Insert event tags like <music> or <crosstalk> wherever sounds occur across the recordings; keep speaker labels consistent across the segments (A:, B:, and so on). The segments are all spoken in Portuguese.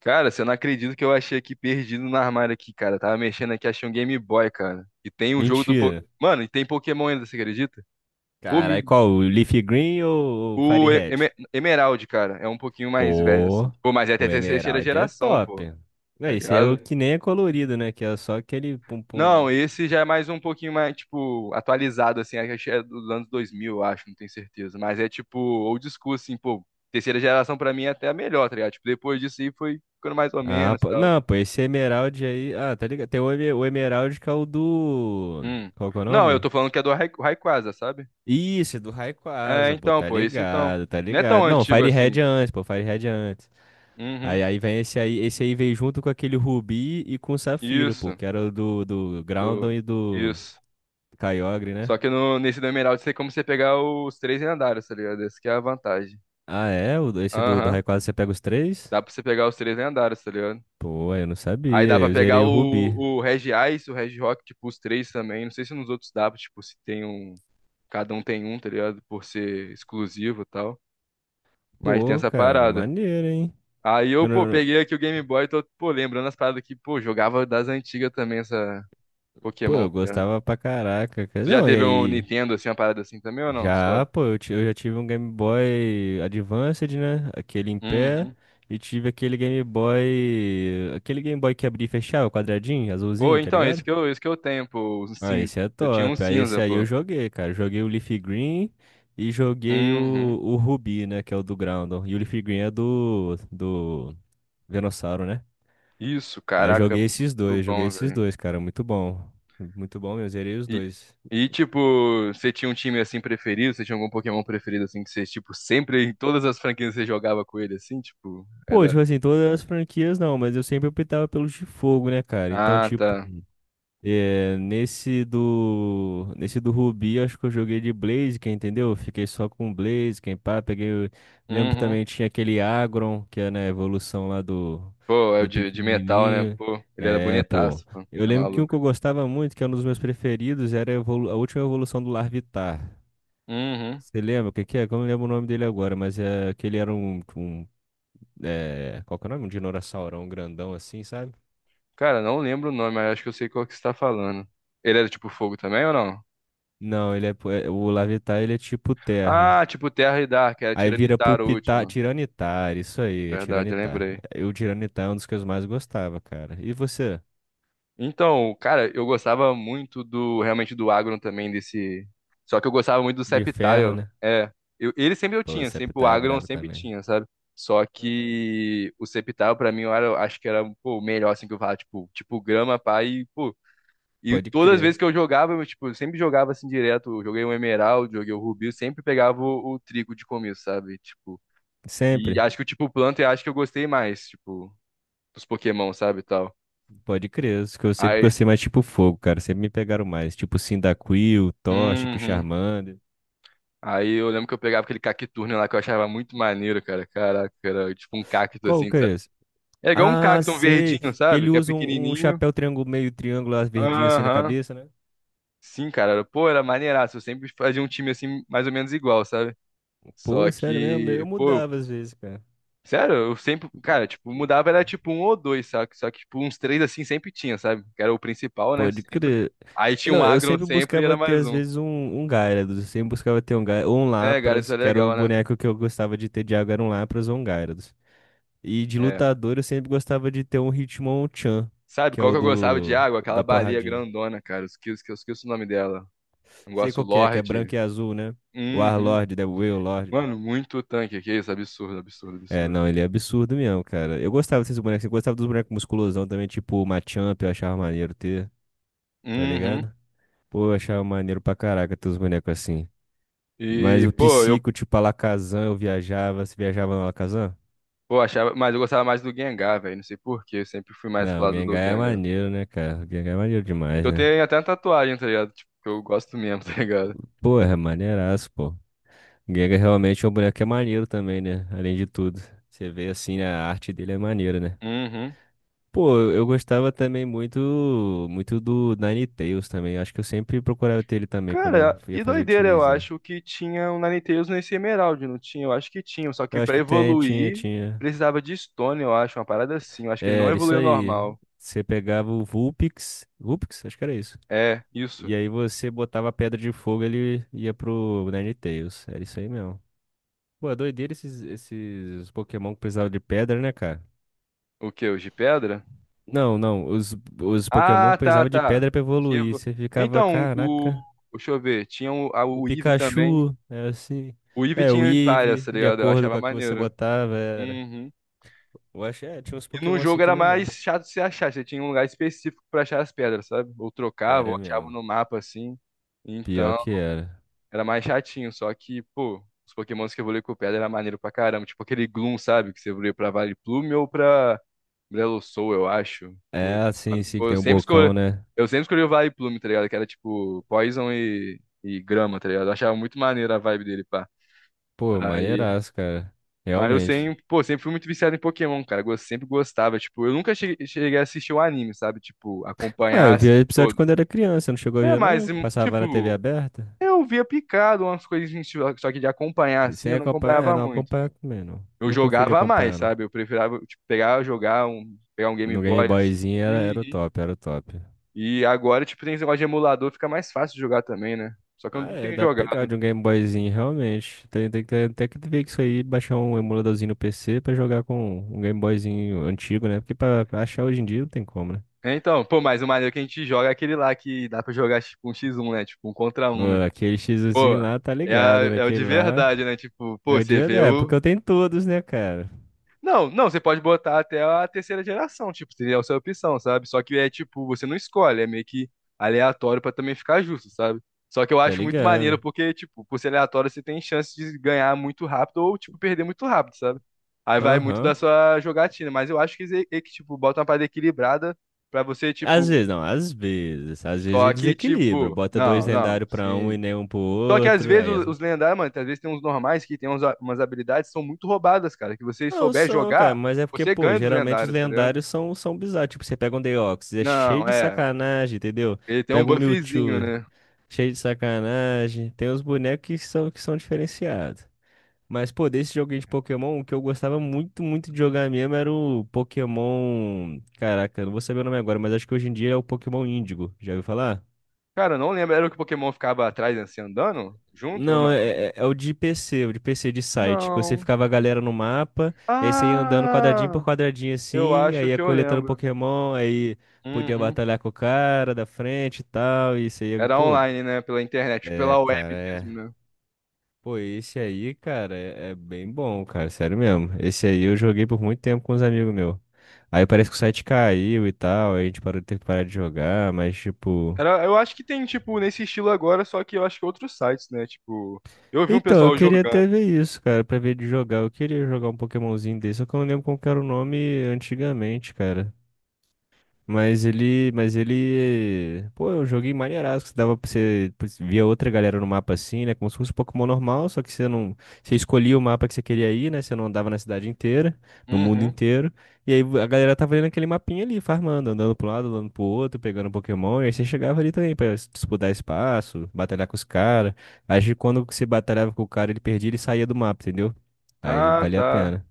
A: Cara, você não acredita que eu achei aqui perdido no armário aqui, cara. Tava mexendo aqui, achei um Game Boy, cara. E tem um jogo do Po-
B: Mentira.
A: Mano, e tem Pokémon ainda, você acredita? Pô, me-
B: Caralho, qual? O Leafy Green ou o
A: o E- Eme-
B: Firehead?
A: Emerald, cara, é um pouquinho mais velho, assim.
B: Pô,
A: Pô, mas é até
B: o
A: terceira
B: Emerald é
A: geração, pô.
B: top. Não,
A: Tá
B: esse é o
A: ligado?
B: que nem é colorido, né? Que é só aquele pum-pum,
A: Não,
B: né?
A: esse já é mais um pouquinho mais, tipo, atualizado, assim. Acho que é dos anos 2000, eu acho, não tenho certeza. Mas é, tipo, old school, assim, pô. Terceira geração pra mim é até a melhor, tá ligado? Tipo, depois disso aí foi ficando mais ou
B: Ah,
A: menos e
B: pô.
A: tal.
B: Não, pô, esse Emerald aí. Ah, tá ligado? Tem o, o Emerald que é o do.
A: Hum.
B: Qual que é o
A: Não, eu
B: nome?
A: tô falando que é do Rayquaza, sabe?
B: Isso, é do
A: É,
B: Rayquaza, pô,
A: então,
B: tá
A: pô, isso então.
B: ligado, tá
A: Não é tão
B: ligado. Não,
A: antigo assim.
B: Firehead é antes, pô, Firehead é antes.
A: Uhum.
B: Aí vem esse aí veio junto com aquele Rubi e com o Safira, pô,
A: Isso.
B: que era o do, do Groudon
A: Do...
B: e do.
A: Isso.
B: Kyogre, né?
A: Só que no, nesse do Emerald tem como você pegar os três lendários, tá ligado? Essa que é a vantagem.
B: Ah, é? Esse do, do
A: Aham.
B: Rayquaza você pega os três?
A: Dá pra você pegar os três lendários, tá ligado?
B: Pô, eu não
A: Aí
B: sabia.
A: dá pra
B: Eu
A: pegar
B: zerei
A: o,
B: o Rubi.
A: o Regiais, o Regirock, tipo, os três também. Não sei se nos outros dá, tipo, se tem um. Cada um tem um, tá ligado? Por ser exclusivo e tal. Mas tem
B: Pô,
A: essa
B: cara,
A: parada.
B: maneiro, hein?
A: Aí eu,
B: Eu
A: pô,
B: não-
A: peguei aqui o Game Boy, tô, pô, lembrando as paradas que, pô, jogava das antigas também, essa,
B: Pô,
A: Pokémon,
B: eu
A: tá ligado?
B: gostava pra caraca, cara.
A: Tu já
B: Não, e
A: teve um
B: aí?
A: Nintendo, assim, uma parada assim também ou não? Só.
B: Já, pô, eu já tive um Game Boy Advanced, né? Aquele em pé.
A: Uhum.
B: E tive aquele Game Boy. Aquele Game Boy que abria e fechava, quadradinho,
A: Pô,
B: azulzinho, tá
A: então, esse
B: ligado?
A: que eu, esse que eu tenho, pô. O
B: Ah,
A: Cinza.
B: esse é
A: Eu tinha um
B: top. Aí esse
A: cinza,
B: aí eu
A: pô.
B: joguei, cara. Joguei o Leaf Green e joguei o,
A: Uhum.
B: o Ruby, né? Que é o do Groundon. E o Leaf Green é do Venossauro, né?
A: Isso,
B: Aí
A: caraca, muito
B: joguei
A: bom,
B: esses
A: velho.
B: dois, cara. Muito bom. Muito bom mesmo, zerei os
A: E,
B: dois.
A: e tipo, você tinha um time, assim, preferido? Você tinha algum Pokémon preferido, assim, que você, tipo, sempre, em todas as franquias você jogava com ele, assim, tipo,
B: Pô,
A: era...
B: tipo assim, todas as franquias não, mas eu sempre optava pelos de fogo, né, cara? Então,
A: Ah,
B: tipo,
A: tá.
B: é, nesse do Rubi, acho que eu joguei de Blaziken, entendeu? Fiquei só com Blaziken, pá, peguei, lembro
A: Uhum.
B: também tinha aquele Agron, que é na evolução lá do
A: Pô, é o
B: do
A: de metal, né?
B: pequenininho.
A: Pô, ele era
B: É, pô.
A: bonitaço, pô.
B: Eu
A: Tá
B: lembro que um
A: maluco.
B: que eu gostava muito, que é um dos meus preferidos, era a última evolução do Larvitar.
A: Uhum.
B: Você lembra o que que é? Que eu não lembro o nome dele agora, mas é que era um é, qual que é o nome? Um dinossaurão grandão assim, sabe?
A: Cara, não lembro o nome, mas acho que eu sei qual que você tá falando. Ele era tipo fogo também ou não?
B: Não, ele é, o Larvitar, ele é tipo terra.
A: Ah, tipo Terra e Dark, era
B: Aí vira
A: Tiranitar o
B: Pulpitar,
A: último.
B: Tiranitar, isso aí, é
A: Verdade, eu
B: Tiranitar.
A: lembrei.
B: Eu, Tiranitar é um dos que eu mais gostava, cara. E você?
A: Então, cara, eu gostava muito do, realmente do Agron também, desse... Só que eu gostava muito do
B: De ferro,
A: Sceptile.
B: né?
A: É, eu, ele sempre eu
B: Pô,
A: tinha, sempre o
B: Septar é
A: Agron eu
B: brabo
A: sempre
B: também.
A: tinha, sabe? Só
B: Aham.
A: que o Sceptile pra mim eu era, acho que era, pô, o melhor, assim, que eu falava, tipo, grama, pá, e, pô, E
B: Pode
A: todas as
B: crer.
A: vezes que eu jogava, eu, tipo, eu sempre jogava assim direto. Eu joguei um Emerald, joguei o Rubi, eu sempre pegava o trigo de começo, sabe? Tipo, e
B: Sempre.
A: acho que o tipo planta eu acho que eu gostei mais, tipo, dos Pokémon, sabe, e tal.
B: Pode crer. Os que eu sempre
A: Aí,
B: gostei mais, tipo fogo, cara. Sempre me pegaram mais. Tipo Cyndaquil, Toxic,
A: uhum.
B: Charmander.
A: Aí eu lembro que eu pegava aquele Cacturne lá que eu achava muito maneiro, cara. Caraca, era tipo um cacto
B: Qual
A: assim,
B: que
A: sabe?
B: é esse?
A: É igual um
B: Ah,
A: cacto, um
B: sei.
A: verdinho,
B: Que
A: sabe?
B: ele
A: Que é
B: usa um
A: pequenininho.
B: chapéu triângulo, meio triângulo, as verdinhas assim na
A: Aham.
B: cabeça, né?
A: Sim, cara. Pô, era maneiraço. Eu sempre fazia um time assim, mais ou menos igual, sabe?
B: Pô,
A: Só
B: sério mesmo? Eu
A: que, pô,
B: mudava às vezes, cara.
A: Sério, eu sempre, cara, tipo, mudava era tipo um ou dois, sabe? Só que, tipo, uns três assim sempre tinha, sabe? Que era o principal, né?
B: Pode
A: Sempre.
B: crer.
A: Aí tinha um
B: Não, eu
A: agro
B: sempre
A: sempre e
B: buscava
A: era
B: ter,
A: mais
B: às
A: um.
B: vezes, um Gyarados. Eu sempre buscava ter um, ou um
A: É, cara, isso
B: Lapras,
A: é
B: que era o
A: legal, né?
B: boneco que eu gostava de ter de água, era um Lapras ou um Gyarados. E de
A: É.
B: lutador, eu sempre gostava de ter um Hitmonchan,
A: Sabe
B: que é
A: qual
B: o
A: que eu gostava de
B: do
A: água? Aquela
B: da
A: baleia
B: porradinha.
A: grandona, cara. Eu esqueço o nome dela. Eu
B: Sei
A: gosto
B: qual que é branco e
A: Lorde.
B: azul, né? O
A: Uhum.
B: Warlord, né? O Wailord.
A: Mano, muito tanque aqui, isso é absurdo, absurdo,
B: É,
A: absurdo.
B: não, ele é absurdo mesmo, cara. Eu gostava desses bonecos. Eu gostava dos bonecos musculosão também, tipo o Machamp, eu achava maneiro ter, tá
A: Uhum.
B: ligado? Pô, eu achava maneiro pra caraca ter os bonecos assim. Mas
A: E,
B: o
A: pô, eu
B: Psico, tipo, Alakazam, eu viajava. Você viajava no Alakazam?
A: pô, achava, mas eu gostava mais do Gengar, velho. Não sei por quê, eu sempre fui mais pro
B: Não, o
A: lado do
B: Gengar é
A: Gengar.
B: maneiro, né, cara? O Gengar é maneiro demais,
A: Eu
B: né?
A: tenho até uma tatuagem, tá ligado? Tipo, que eu gosto mesmo, <laughs> tá ligado?
B: Porra, é maneiraço, pô. O Gengar realmente é um boneco que é maneiro também, né? Além de tudo. Você vê assim, né, a arte dele é maneira, né?
A: Uhum.
B: Pô, eu gostava também muito, muito do Ninetales também. Acho que eu sempre procurava ter ele também
A: Cara,
B: quando eu ia
A: e
B: fazer um
A: doideira, eu
B: timezinho.
A: acho que tinha um Ninetales nesse Emerald, não tinha? Eu acho que tinha, só que
B: Eu acho
A: pra
B: que tem, tinha,
A: evoluir
B: tinha.
A: precisava de Stone, eu acho, uma parada assim. Eu acho que ele não
B: É, era isso
A: evoluiu
B: aí.
A: normal.
B: Você pegava o Vulpix. Vulpix? Acho que era isso.
A: É, isso.
B: E aí você botava a pedra de fogo, ele ia pro Ninetales. Era isso aí mesmo. Pô, é doideira esses, esses Pokémon que precisavam de pedra, né, cara?
A: O que? O de pedra?
B: Não, não. Os Pokémon
A: Ah,
B: que
A: tá,
B: precisavam de
A: tá.
B: pedra pra
A: Que
B: evoluir.
A: evo-
B: Você ficava,
A: Então, o.
B: caraca.
A: Deixa eu ver, tinha o, a,
B: O
A: o Eve também.
B: Pikachu era assim.
A: O Eve
B: É, o
A: tinha
B: Eevee,
A: várias, tá
B: de
A: ligado? Eu
B: acordo com
A: achava
B: a que você
A: maneiro.
B: botava, era.
A: Uhum.
B: Eu acho, é, tinha uns
A: E num
B: Pokémon assim
A: jogo
B: que
A: era
B: não
A: mais
B: dava.
A: chato de se achar, você tinha um lugar específico pra achar as pedras, sabe? Ou trocava, ou
B: Era
A: achava
B: mesmo.
A: no mapa assim.
B: Pior
A: Então,
B: que era.
A: era mais chatinho, só que, pô, os Pokémons que evoluíam com pedra era maneiro pra caramba. Tipo aquele Gloom, sabe? Que você evoluía pra Vileplume ou pra Brelosoul, eu acho. Pô,
B: É assim, sim, que
A: eu
B: tem o
A: sempre escolhi,
B: bocão, né?
A: eu sempre escolhi o Vileplume, tá ligado? Que era tipo Poison e Grama, tá ligado? Eu achava muito maneiro a vibe dele, pá.
B: Pô,
A: Aí.
B: maneiraço, cara.
A: Mas eu
B: Realmente.
A: sempre, pô, sempre fui muito viciado em Pokémon, cara. Eu sempre gostava. Tipo, eu nunca cheguei a assistir o anime, sabe? Tipo,
B: Ah,
A: acompanhar
B: eu via
A: assim
B: episódio
A: todo.
B: quando era criança, não chegou a
A: É,
B: ver
A: mas,
B: não? Que passava na TV
A: tipo,
B: aberta?
A: eu via picado umas coisas, só que de acompanhar assim,
B: Sem
A: eu não
B: acompanhar, é,
A: acompanhava
B: não,
A: muito.
B: acompanhar também não.
A: Eu
B: Nunca fui de
A: jogava mais,
B: acompanhar, não.
A: sabe? Eu preferava, tipo, pegar, jogar um, pegar um Game
B: No Game
A: Boy, assim.
B: Boyzinho era, era o
A: Uhum.
B: top, era o top.
A: E agora, tipo, tem esse negócio de emulador, fica mais fácil de jogar também, né? Só que eu
B: Ah,
A: não
B: é,
A: tenho
B: dá pra pegar
A: jogado.
B: de um Game Boyzinho, realmente. Tem, tem, que tem, que ver que isso aí, baixar um emuladorzinho no PC pra jogar com um Game Boyzinho antigo, né? Porque pra achar hoje em dia não tem como, né?
A: É, então, pô, mas o maneiro que a gente joga é aquele lá que dá pra jogar, tipo, um x1, né? Tipo, um contra
B: Pô,
A: um, né?
B: aquele
A: Pô,
B: xizinho lá tá
A: é,
B: ligado, né?
A: é o de
B: Aquele lá
A: verdade, né? Tipo,
B: é
A: pô,
B: o
A: você
B: dia da
A: vê o.
B: época. Eu tenho todos, né, cara?
A: Não, não, você pode botar até a terceira geração, tipo, seria a sua opção, sabe? Só que é tipo, você não escolhe, é meio que aleatório pra também ficar justo, sabe? Só que eu
B: Tá
A: acho muito maneiro
B: ligado.
A: porque, tipo, por ser aleatório, você tem chance de ganhar muito rápido ou, tipo, perder muito rápido, sabe? Aí vai muito da
B: Aham.
A: sua jogatina, mas eu acho que, é que tipo, bota uma parada equilibrada pra você, tipo,
B: Às vezes, não, às vezes. Às vezes
A: só
B: ele
A: que,
B: desequilibra.
A: tipo,
B: Bota dois
A: não, não,
B: lendários pra um
A: sim.
B: e nenhum pro
A: Só que às
B: outro.
A: vezes
B: Aí essa.
A: os lendários, mano, às vezes tem uns normais que tem uns umas habilidades que são muito roubadas, cara. Que você
B: Não
A: souber
B: são, cara,
A: jogar,
B: mas é porque,
A: você
B: pô,
A: ganha dos
B: geralmente os
A: lendários, tá ligado?
B: lendários são, são bizarros. Tipo, você pega um Deoxys, é cheio
A: Não,
B: de
A: é.
B: sacanagem, entendeu?
A: Ele tem um
B: Pega um
A: buffzinho,
B: Mewtwo,
A: né?
B: cheio de sacanagem. Tem os bonecos que são diferenciados. Mas, pô, desse joguinho de Pokémon, o que eu gostava muito, muito de jogar mesmo era o Pokémon. Caraca, eu não vou saber o nome agora, mas acho que hoje em dia é o Pokémon Índigo. Já ouviu falar?
A: Cara, eu não lembro. Era o que o Pokémon ficava atrás, assim, andando? Junto ou
B: Não,
A: não?
B: é, é o de PC, o de PC de site, que você
A: Não.
B: ficava a galera no mapa, e aí você ia andando quadradinho por
A: Ah,
B: quadradinho
A: eu
B: assim, aí
A: acho
B: ia
A: que eu
B: coletando
A: lembro.
B: Pokémon, aí podia
A: Uhum.
B: batalhar com o cara da frente e tal, e você ia,
A: Era
B: pô,
A: online, né? Pela internet,
B: é,
A: pela web
B: cara, é.
A: mesmo, né?
B: Pô, esse aí, cara, é, é bem bom, cara, sério mesmo. Esse aí eu joguei por muito tempo com uns amigos meus. Aí parece que o site caiu e tal, aí a gente parou, teve que parar de jogar, mas tipo.
A: Era, eu acho que tem, tipo, nesse estilo agora, só que eu acho que outros sites, né? Tipo, eu vi um
B: Então, eu
A: pessoal
B: queria
A: jogando.
B: até ver isso, cara, pra ver de jogar. Eu queria jogar um Pokémonzinho desse, só que eu não lembro como que era o nome antigamente, cara. Mas ele, pô, eu joguei maneiraço, que dava pra você, pô, você via outra galera no mapa assim, né, como se fosse um Pokémon normal, só que você não, você escolhia o mapa que você queria ir, né, você não andava na cidade inteira, no mundo
A: Uhum.
B: inteiro, e aí a galera tava ali naquele mapinha ali, farmando, andando pro lado, andando pro outro, pegando Pokémon, e aí você chegava ali também pra disputar espaço, batalhar com os caras, aí quando você batalhava com o cara, ele perdia, ele saía do mapa, entendeu? Aí
A: Ah,
B: valia a
A: tá.
B: pena.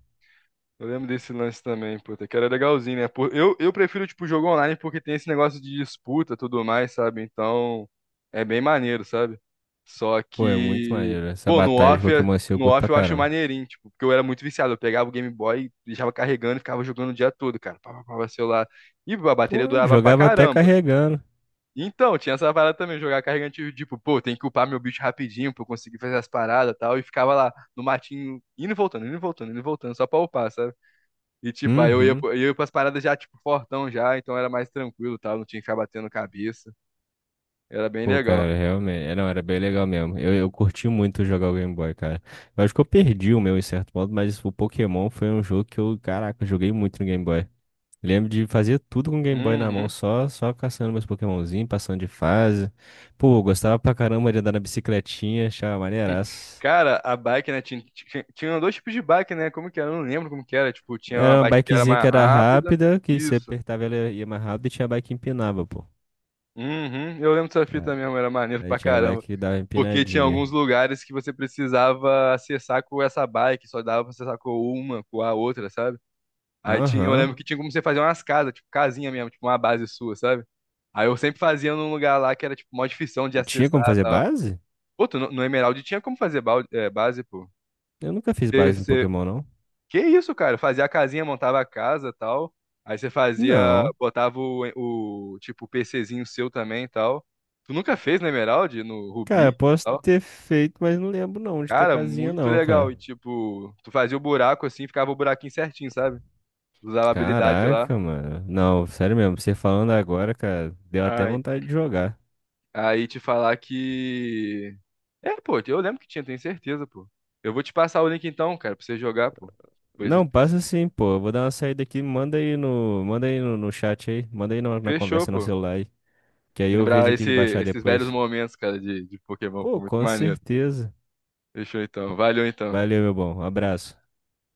A: Eu lembro desse lance também, puta, que era legalzinho, né? Pô, eu, prefiro, tipo, jogo online porque tem esse negócio de disputa e tudo mais, sabe? Então, é bem maneiro, sabe? Só
B: Pô, é muito
A: que,
B: maneiro, essa
A: pô,
B: batalha de Pokémon assim eu
A: no
B: curto
A: off
B: pra
A: eu acho
B: caramba.
A: maneirinho, tipo, porque eu era muito viciado. Eu pegava o Game Boy, deixava carregando e ficava jogando o dia todo, cara. Pá, pá, pá, pá, celular. E a bateria
B: Pô,
A: durava pra Uhum.
B: jogava até
A: caramba.
B: carregando.
A: Então, tinha essa parada também, jogar carregando, tipo, pô, tem que upar meu bicho rapidinho pra eu conseguir fazer as paradas e tal. E ficava lá no matinho, indo e voltando, indo e voltando, indo e voltando, só pra upar, sabe? E, tipo, aí
B: Uhum.
A: eu ia pras paradas já, tipo, fortão já, então era mais tranquilo, tal, não tinha que ficar batendo cabeça. Era bem
B: Pô,
A: legal.
B: cara, realmente. É, Não, era bem legal mesmo. Eu curti muito jogar o Game Boy, cara. Eu acho que eu perdi o meu em certo modo, mas o Pokémon foi um jogo que eu, caraca, eu joguei muito no Game Boy. Lembro de fazer tudo com o Game Boy na mão,
A: Uhum.
B: só, só caçando meus Pokémonzinhos, passando de fase. Pô, eu gostava pra caramba de andar na bicicletinha, achava maneiraço.
A: Cara, a bike, né, tinha dois tipos de bike, né, como que era? Eu não lembro como que era, tipo, tinha uma
B: Era uma
A: bike que era
B: bikezinha que
A: mais
B: era
A: rápida,
B: rápida, que se
A: isso.
B: apertava ela ia mais rápido e tinha a bike que empinava, pô.
A: Uhum. Eu lembro dessa
B: Ah,
A: fita mesmo, era maneiro
B: aí
A: pra
B: tinha a
A: caramba.
B: bike que dava
A: Porque tinha
B: empinadinha.
A: alguns lugares que você precisava acessar com essa bike, só dava pra acessar com uma, com a outra, sabe? Aí tinha, eu
B: Aham.
A: lembro que tinha como você fazer umas casas, tipo casinha mesmo, tipo uma base sua, sabe? Aí eu sempre fazia num lugar lá que era tipo mó difícil de
B: Tinha
A: acessar
B: como
A: e
B: fazer
A: tal.
B: base?
A: Pô, tu, no, no Emerald tinha como fazer balde, é, base, pô.
B: Eu nunca fiz
A: Você,
B: base no
A: você-
B: Pokémon, não.
A: Que isso, cara? Fazia a casinha, montava a casa e tal. Aí você fazia,
B: Não.
A: botava o tipo o PCzinho seu também e tal. Tu nunca fez no Emerald, no Rubi
B: Cara,
A: e
B: posso
A: tal?
B: ter feito, mas não lembro não de ter
A: Cara,
B: casinha,
A: muito
B: não,
A: legal.
B: cara.
A: E tipo, tu fazia o buraco assim, ficava o buraquinho certinho, sabe? Usava a habilidade lá.
B: Caraca, mano. Não, sério mesmo, você falando agora, cara, deu até vontade de jogar.
A: Aí te falar que. É, pô, eu lembro que tinha, tenho certeza, pô. Eu vou te passar o link então, cara, pra você jogar, pô. Depois eu
B: Não,
A: te passo o
B: passa
A: link.
B: sim, pô. Eu vou dar uma saída aqui, manda aí no, no chat aí, manda aí na, na
A: Fechou,
B: conversa no
A: pô.
B: celular aí, que aí eu vejo
A: Lembrar
B: aqui
A: esse-
B: de baixar
A: esses velhos
B: depois.
A: momentos, cara, de Pokémon,
B: Pô,
A: foi muito
B: com
A: maneiro.
B: certeza.
A: Fechou então. Valeu então.
B: Valeu, meu bom. Abraço.